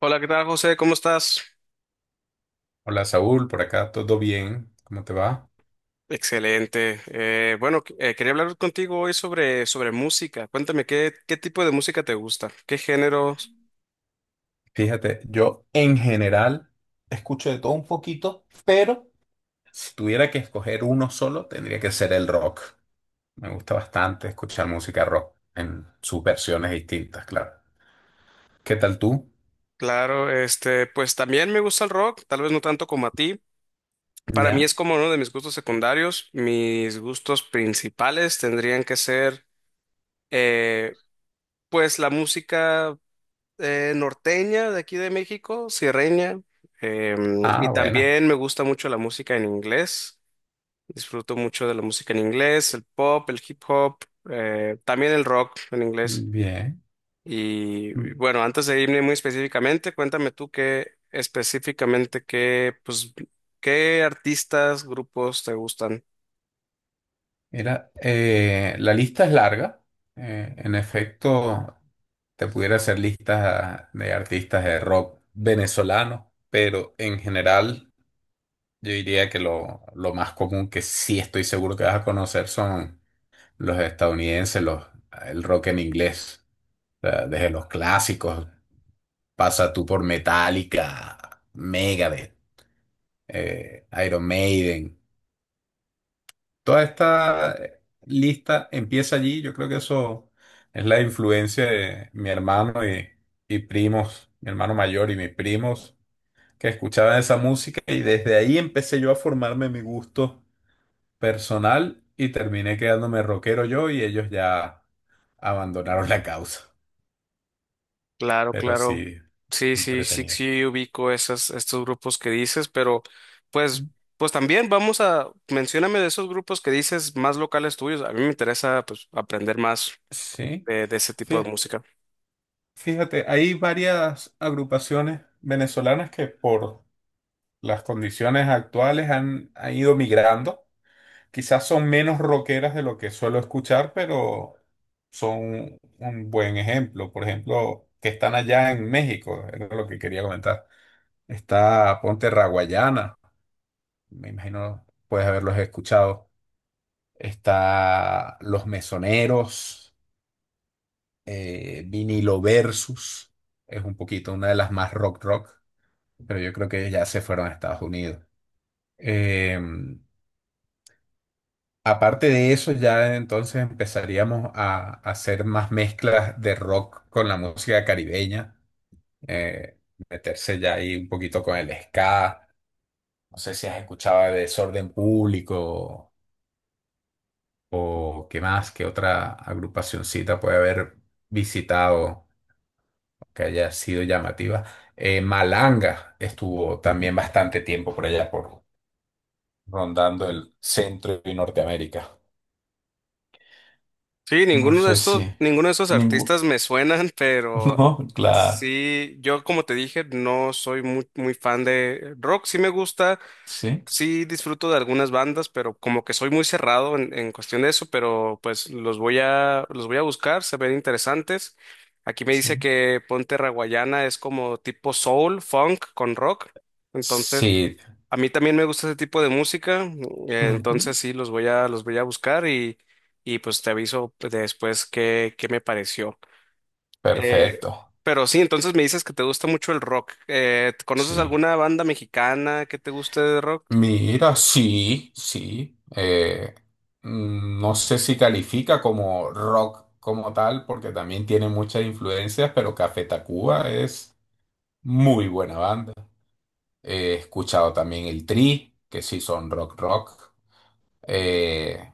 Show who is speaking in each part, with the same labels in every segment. Speaker 1: Hola, ¿qué tal, José? ¿Cómo estás?
Speaker 2: Hola Saúl, por acá todo bien, ¿cómo te va?
Speaker 1: Excelente. Quería hablar contigo hoy sobre música. Cuéntame, ¿qué tipo de música te gusta? ¿Qué géneros?
Speaker 2: Fíjate, yo en general escucho de todo un poquito, pero si tuviera que escoger uno solo, tendría que ser el rock. Me gusta bastante escuchar música rock en sus versiones distintas, claro. ¿Qué tal tú?
Speaker 1: Claro, este, pues también me gusta el rock, tal vez no tanto como a ti. Para mí es
Speaker 2: ¿Ya?
Speaker 1: como uno de mis gustos secundarios. Mis gustos principales tendrían que ser, eh, la música norteña de aquí de México, sierreña. Y
Speaker 2: Ah, buena.
Speaker 1: también me gusta mucho la música en inglés. Disfruto mucho de la música en inglés, el pop, el hip hop, también el rock en inglés.
Speaker 2: Bien.
Speaker 1: Y bueno, antes de irme muy específicamente, cuéntame tú qué específicamente qué artistas, grupos te gustan.
Speaker 2: Mira, la lista es larga. En efecto, te pudiera hacer listas de artistas de rock venezolanos, pero en general yo diría que lo más común que sí estoy seguro que vas a conocer son los estadounidenses, el rock en inglés. O sea, desde los clásicos, pasa tú por Metallica, Megadeth, Iron Maiden. Toda esta lista empieza allí. Yo creo que eso es la influencia de mi hermano y primos, mi hermano mayor y mis primos, que escuchaban esa música y desde ahí empecé yo a formarme mi gusto personal y terminé quedándome rockero yo y ellos ya abandonaron la causa.
Speaker 1: Claro,
Speaker 2: Pero
Speaker 1: claro.
Speaker 2: sí,
Speaker 1: Sí, sí, sí,
Speaker 2: entretenida.
Speaker 1: sí, ubico estos grupos que dices, pero pues, pues también vamos a, mencióname de esos grupos que dices más locales tuyos. A mí me interesa, pues, aprender más
Speaker 2: Sí,
Speaker 1: de ese tipo
Speaker 2: Fí-
Speaker 1: de música.
Speaker 2: fíjate, hay varias agrupaciones venezolanas que por las condiciones actuales han ido migrando. Quizás son menos rockeras de lo que suelo escuchar, pero son un buen ejemplo. Por ejemplo, que están allá en México, era lo que quería comentar. Está Ponte Raguayana, me imagino puedes haberlos escuchado. Está Los Mesoneros, Vinilo Versus, es un poquito una de las más rock rock, pero yo creo que ya se fueron a Estados Unidos. Eh, Aparte de eso, ya entonces empezaríamos a hacer más mezclas de rock con la música caribeña, eh, meterse ya ahí un poquito con el ska. No sé si has escuchado de Desorden Público. ¿O qué más? ¿Qué otra agrupacioncita puede haber visitado que haya sido llamativa? Malanga estuvo también bastante tiempo por allá, por rondando el centro y Norteamérica.
Speaker 1: Sí,
Speaker 2: No sé si
Speaker 1: ninguno de estos artistas
Speaker 2: ninguno.
Speaker 1: me suenan, pero
Speaker 2: No, claro.
Speaker 1: sí, yo como te dije, no soy muy fan de rock, sí me gusta,
Speaker 2: Sí,
Speaker 1: sí disfruto de algunas bandas, pero como que soy muy cerrado en cuestión de eso, pero pues los voy a buscar, se ven interesantes. Aquí me dice
Speaker 2: sí.
Speaker 1: que Ponte Raguayana es como tipo soul, funk con rock, entonces
Speaker 2: Sí.
Speaker 1: a mí también me gusta ese tipo de música,
Speaker 2: Ujú.
Speaker 1: entonces sí, los voy a buscar, y pues te aviso pues, después qué me pareció. Eh,
Speaker 2: Perfecto.
Speaker 1: pero sí, entonces me dices que te gusta mucho el rock. ¿Conoces
Speaker 2: Sí.
Speaker 1: alguna banda mexicana que te guste de rock?
Speaker 2: Mira, sí, sí. No sé si califica como rock como tal, porque también tiene muchas influencias, pero Café Tacuba es muy buena banda. He escuchado también el Tri, que sí son rock rock. Eh,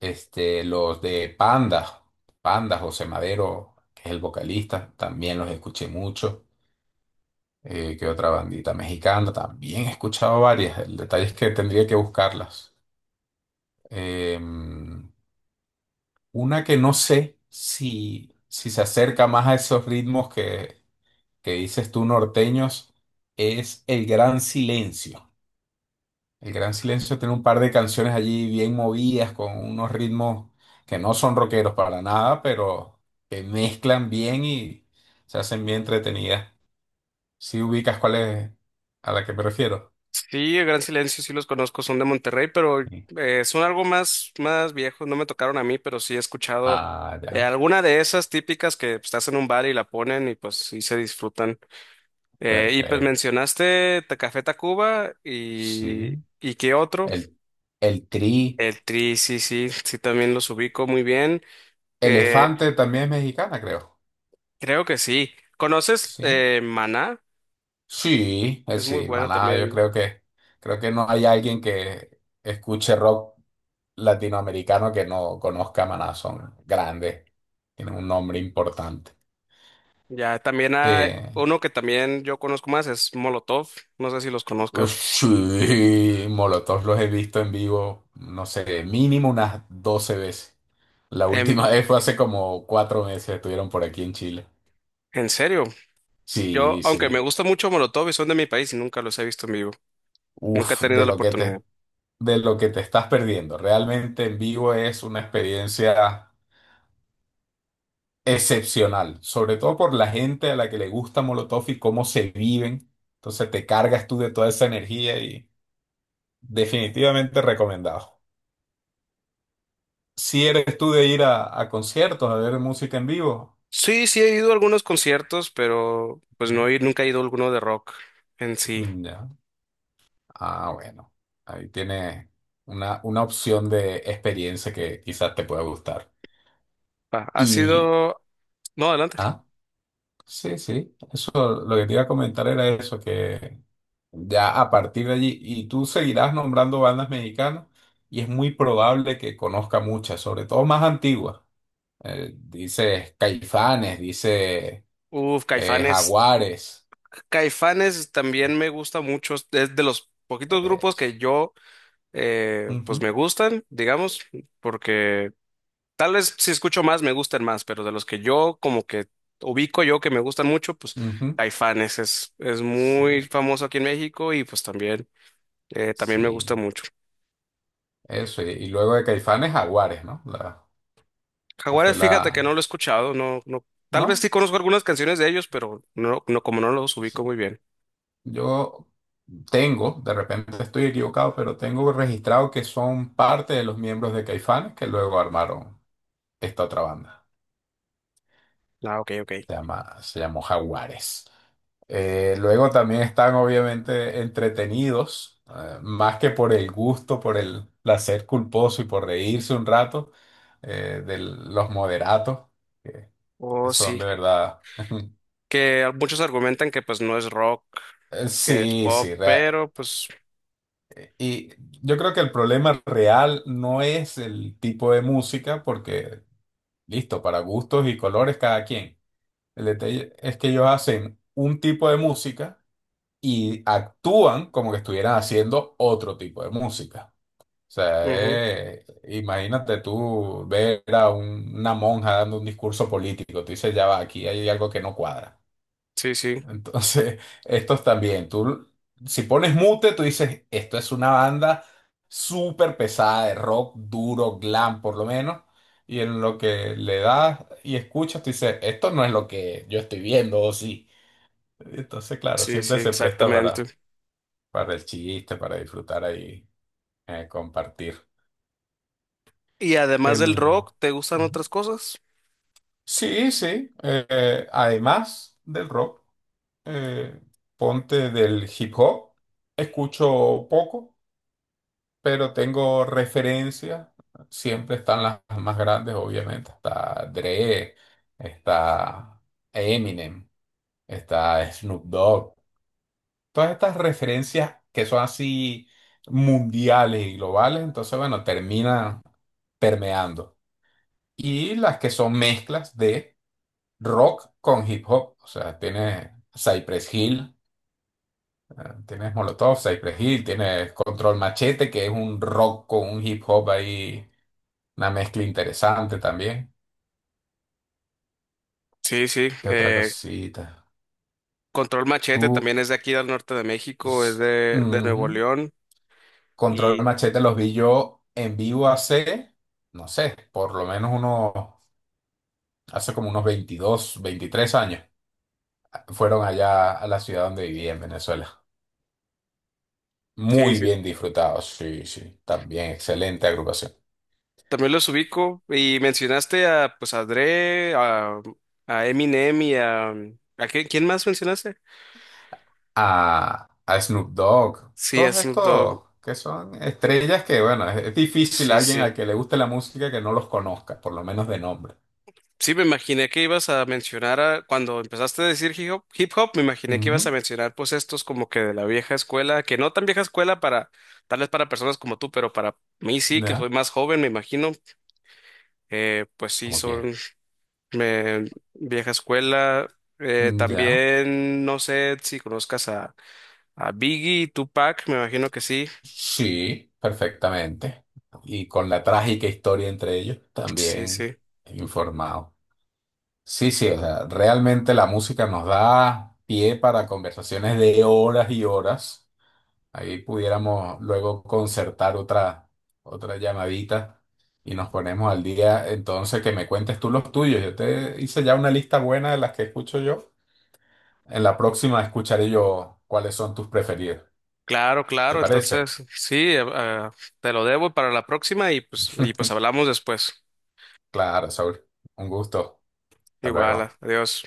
Speaker 2: este, los de Panda, José Madero, que es el vocalista, también los escuché mucho. Que otra bandita mexicana, también he escuchado varias. El detalle es que tendría que buscarlas. Em, una que no sé si se acerca más a esos ritmos que dices tú norteños es El Gran Silencio. El Gran Silencio tiene un par de canciones allí bien movidas con unos ritmos que no son rockeros para nada, pero que mezclan bien y se hacen bien entretenidas. ¿Si ubicas cuál es a la que me refiero?
Speaker 1: Sí, el Gran Silencio sí los conozco, son de Monterrey, pero
Speaker 2: Sí.
Speaker 1: son algo más, más viejos, no me tocaron a mí, pero sí he escuchado
Speaker 2: Ah, ya.
Speaker 1: alguna de esas típicas que pues, estás en un bar y la ponen y pues sí se disfrutan. Y pues
Speaker 2: Perfecto.
Speaker 1: mencionaste Café Tacuba
Speaker 2: Sí.
Speaker 1: y qué otro.
Speaker 2: El, el Tri.
Speaker 1: El Tri, sí, sí, sí, también los ubico muy bien. Eh,
Speaker 2: Elefante también es mexicana, creo.
Speaker 1: Creo que sí. ¿Conoces
Speaker 2: Sí.
Speaker 1: Maná?
Speaker 2: Sí,
Speaker 1: Es muy
Speaker 2: sí,
Speaker 1: bueno
Speaker 2: Maná, yo
Speaker 1: también.
Speaker 2: creo que no hay alguien que escuche rock latinoamericano que no conozca a Maná, son grandes, tienen un nombre importante.
Speaker 1: Ya, también hay
Speaker 2: Eh,
Speaker 1: uno que también yo conozco más, es Molotov. No sé si los
Speaker 2: Ush,
Speaker 1: conozcas.
Speaker 2: sí, Molotov los he visto en vivo, no sé, mínimo unas 12 veces. La
Speaker 1: Em,
Speaker 2: última vez fue hace como 4 meses, estuvieron por aquí en Chile.
Speaker 1: ¿En serio? Yo,
Speaker 2: Sí,
Speaker 1: aunque me
Speaker 2: sí.
Speaker 1: gusta mucho Molotov y son de mi país, nunca los he visto en vivo. Nunca he
Speaker 2: Uf,
Speaker 1: tenido la oportunidad.
Speaker 2: de lo que te estás perdiendo. Realmente en vivo es una experiencia excepcional, sobre todo por la gente a la que le gusta Molotov y cómo se viven. Entonces te cargas tú de toda esa energía y definitivamente recomendado. Si eres tú de ir a conciertos, a ver música en vivo.
Speaker 1: Sí, sí, he ido a algunos conciertos, pero pues
Speaker 2: ¿No?
Speaker 1: nunca he ido a alguno de rock en sí.
Speaker 2: Mm, ya. Ah, bueno. Ahí tiene una opción de experiencia que quizás te pueda gustar.
Speaker 1: Ah, ha
Speaker 2: Y,
Speaker 1: sido... No, adelante.
Speaker 2: ah, sí, sí. Eso, lo que te iba a comentar era eso, que ya a partir de allí, y tú seguirás nombrando bandas mexicanas, y es muy probable que conozca muchas, sobre todo más antiguas. Dices Caifanes, dice
Speaker 1: Uf, Caifanes.
Speaker 2: Jaguares.
Speaker 1: Caifanes también me gusta mucho. Es de los poquitos grupos
Speaker 2: Eso.
Speaker 1: que pues
Speaker 2: Ujú,
Speaker 1: me gustan, digamos, porque tal vez si escucho más me gustan más, pero de los que yo como que ubico yo que me gustan mucho, pues
Speaker 2: ujú.
Speaker 1: Caifanes es
Speaker 2: Sí,
Speaker 1: muy famoso aquí en México y pues también, también me gusta
Speaker 2: sí,
Speaker 1: mucho.
Speaker 2: eso. Y luego de Caifanes, Jaguares, ¿no? La, que fue
Speaker 1: Jaguares, fíjate que
Speaker 2: la.
Speaker 1: no lo he escuchado, no, no, tal vez sí
Speaker 2: ¿No?
Speaker 1: conozco algunas canciones de ellos, pero no, no, como no los
Speaker 2: Sí.
Speaker 1: ubico muy bien.
Speaker 2: Yo tengo, de repente estoy equivocado, pero tengo registrado que son parte de los miembros de Caifanes que luego armaron esta otra banda.
Speaker 1: Ah, ok, ok.
Speaker 2: Se llama, se llamó Jaguares. Luego también están obviamente entretenidos, más que por el gusto, por el placer culposo y por reírse un rato, de los moderatos, que
Speaker 1: Oh,
Speaker 2: son
Speaker 1: sí,
Speaker 2: de verdad.
Speaker 1: que muchos argumentan que pues no es rock, que es
Speaker 2: Sí,
Speaker 1: pop,
Speaker 2: sí.
Speaker 1: pero pues
Speaker 2: Y yo creo que el problema real no es el tipo de música, porque listo, para gustos y colores cada quien. El detalle es que ellos hacen un tipo de música y actúan como que estuvieran haciendo otro tipo de música. O sea,
Speaker 1: ujú,
Speaker 2: imagínate tú ver a una monja dando un discurso político, tú dices, ya va, aquí hay algo que no cuadra.
Speaker 1: sí, sí,
Speaker 2: Entonces, estos también, tú, si pones mute, tú dices, esto es una banda súper pesada de rock duro, glam por lo menos, y en lo que le das y escuchas, tú dices, esto no es lo que yo estoy viendo, o sí. Entonces, claro,
Speaker 1: sí, sí,
Speaker 2: siempre se presta para
Speaker 1: exactamente.
Speaker 2: para el chiste, para disfrutar ahí, compartir.
Speaker 1: Y además del
Speaker 2: El...
Speaker 1: rock, ¿te gustan
Speaker 2: Ujú.
Speaker 1: otras cosas?
Speaker 2: Sí, sí. Además del rock, eh, ponte del hip hop. Escucho poco, pero tengo referencias. Siempre están las más grandes, obviamente. Está Dre, está Eminem, está Snoop Dogg. Todas estas referencias que son así mundiales y globales. Entonces, bueno, termina permeando. Y las que son mezclas de rock con hip hop. O sea, tienes Cypress Hill, eh, tienes Molotov, Cypress Hill, tienes Control Machete, que es un rock con un hip hop ahí, una mezcla interesante también.
Speaker 1: Sí, sí,
Speaker 2: ¿Qué otra cosita?
Speaker 1: Control Machete
Speaker 2: Tú,
Speaker 1: también es de aquí del norte de México, es
Speaker 2: s-
Speaker 1: de Nuevo
Speaker 2: Ujú.
Speaker 1: León
Speaker 2: Control
Speaker 1: y
Speaker 2: Machete los vi yo en vivo hace, no sé, por lo menos unos, hace como unos 22, 23 años. Fueron allá a la ciudad donde vivía en Venezuela.
Speaker 1: sí,
Speaker 2: Muy
Speaker 1: sí,
Speaker 2: bien disfrutado, sí, sí. También excelente agrupación.
Speaker 1: también los ubico y mencionaste a pues a Dre, a Eminem y ¿a quién más mencionaste?
Speaker 2: A Snoop Dogg,
Speaker 1: Sí, a
Speaker 2: todos
Speaker 1: Snoop Dogg,
Speaker 2: estos que son estrellas que, bueno, es difícil
Speaker 1: sí,
Speaker 2: alguien al
Speaker 1: sí.
Speaker 2: que le guste la música que no los conozca, por lo menos de nombre.
Speaker 1: Sí, me imaginé que ibas a mencionar a- cuando empezaste a decir hip hop, me imaginé que ibas a
Speaker 2: Ujú,
Speaker 1: mencionar pues estos como que de la vieja escuela, que no tan vieja escuela para, tal vez para personas como tú, pero para mí sí, que soy
Speaker 2: ya,
Speaker 1: más joven, me imagino, pues sí,
Speaker 2: como quién.
Speaker 1: son eh, vieja escuela.
Speaker 2: Mm, ya,
Speaker 1: También no sé si conozcas a Biggie, Tupac, me imagino que sí.
Speaker 2: sí, perfectamente. Y con la trágica historia entre ellos,
Speaker 1: Sí,
Speaker 2: también
Speaker 1: sí.
Speaker 2: informado. Sí, sí, o sea, realmente la música nos da pie para conversaciones de horas y horas. Ahí pudiéramos luego concertar otra llamadita y nos ponemos al día. Entonces, que me cuentes tú los tuyos. Yo te hice ya una lista buena de las que escucho yo. En la próxima escucharé yo cuáles son tus preferidos.
Speaker 1: Claro,
Speaker 2: ¿Te
Speaker 1: claro,
Speaker 2: parece?
Speaker 1: entonces sí, te lo debo para la próxima y pues hablamos después.
Speaker 2: Claro, Saúl. Un gusto. Hasta
Speaker 1: Igual,
Speaker 2: luego.
Speaker 1: adiós.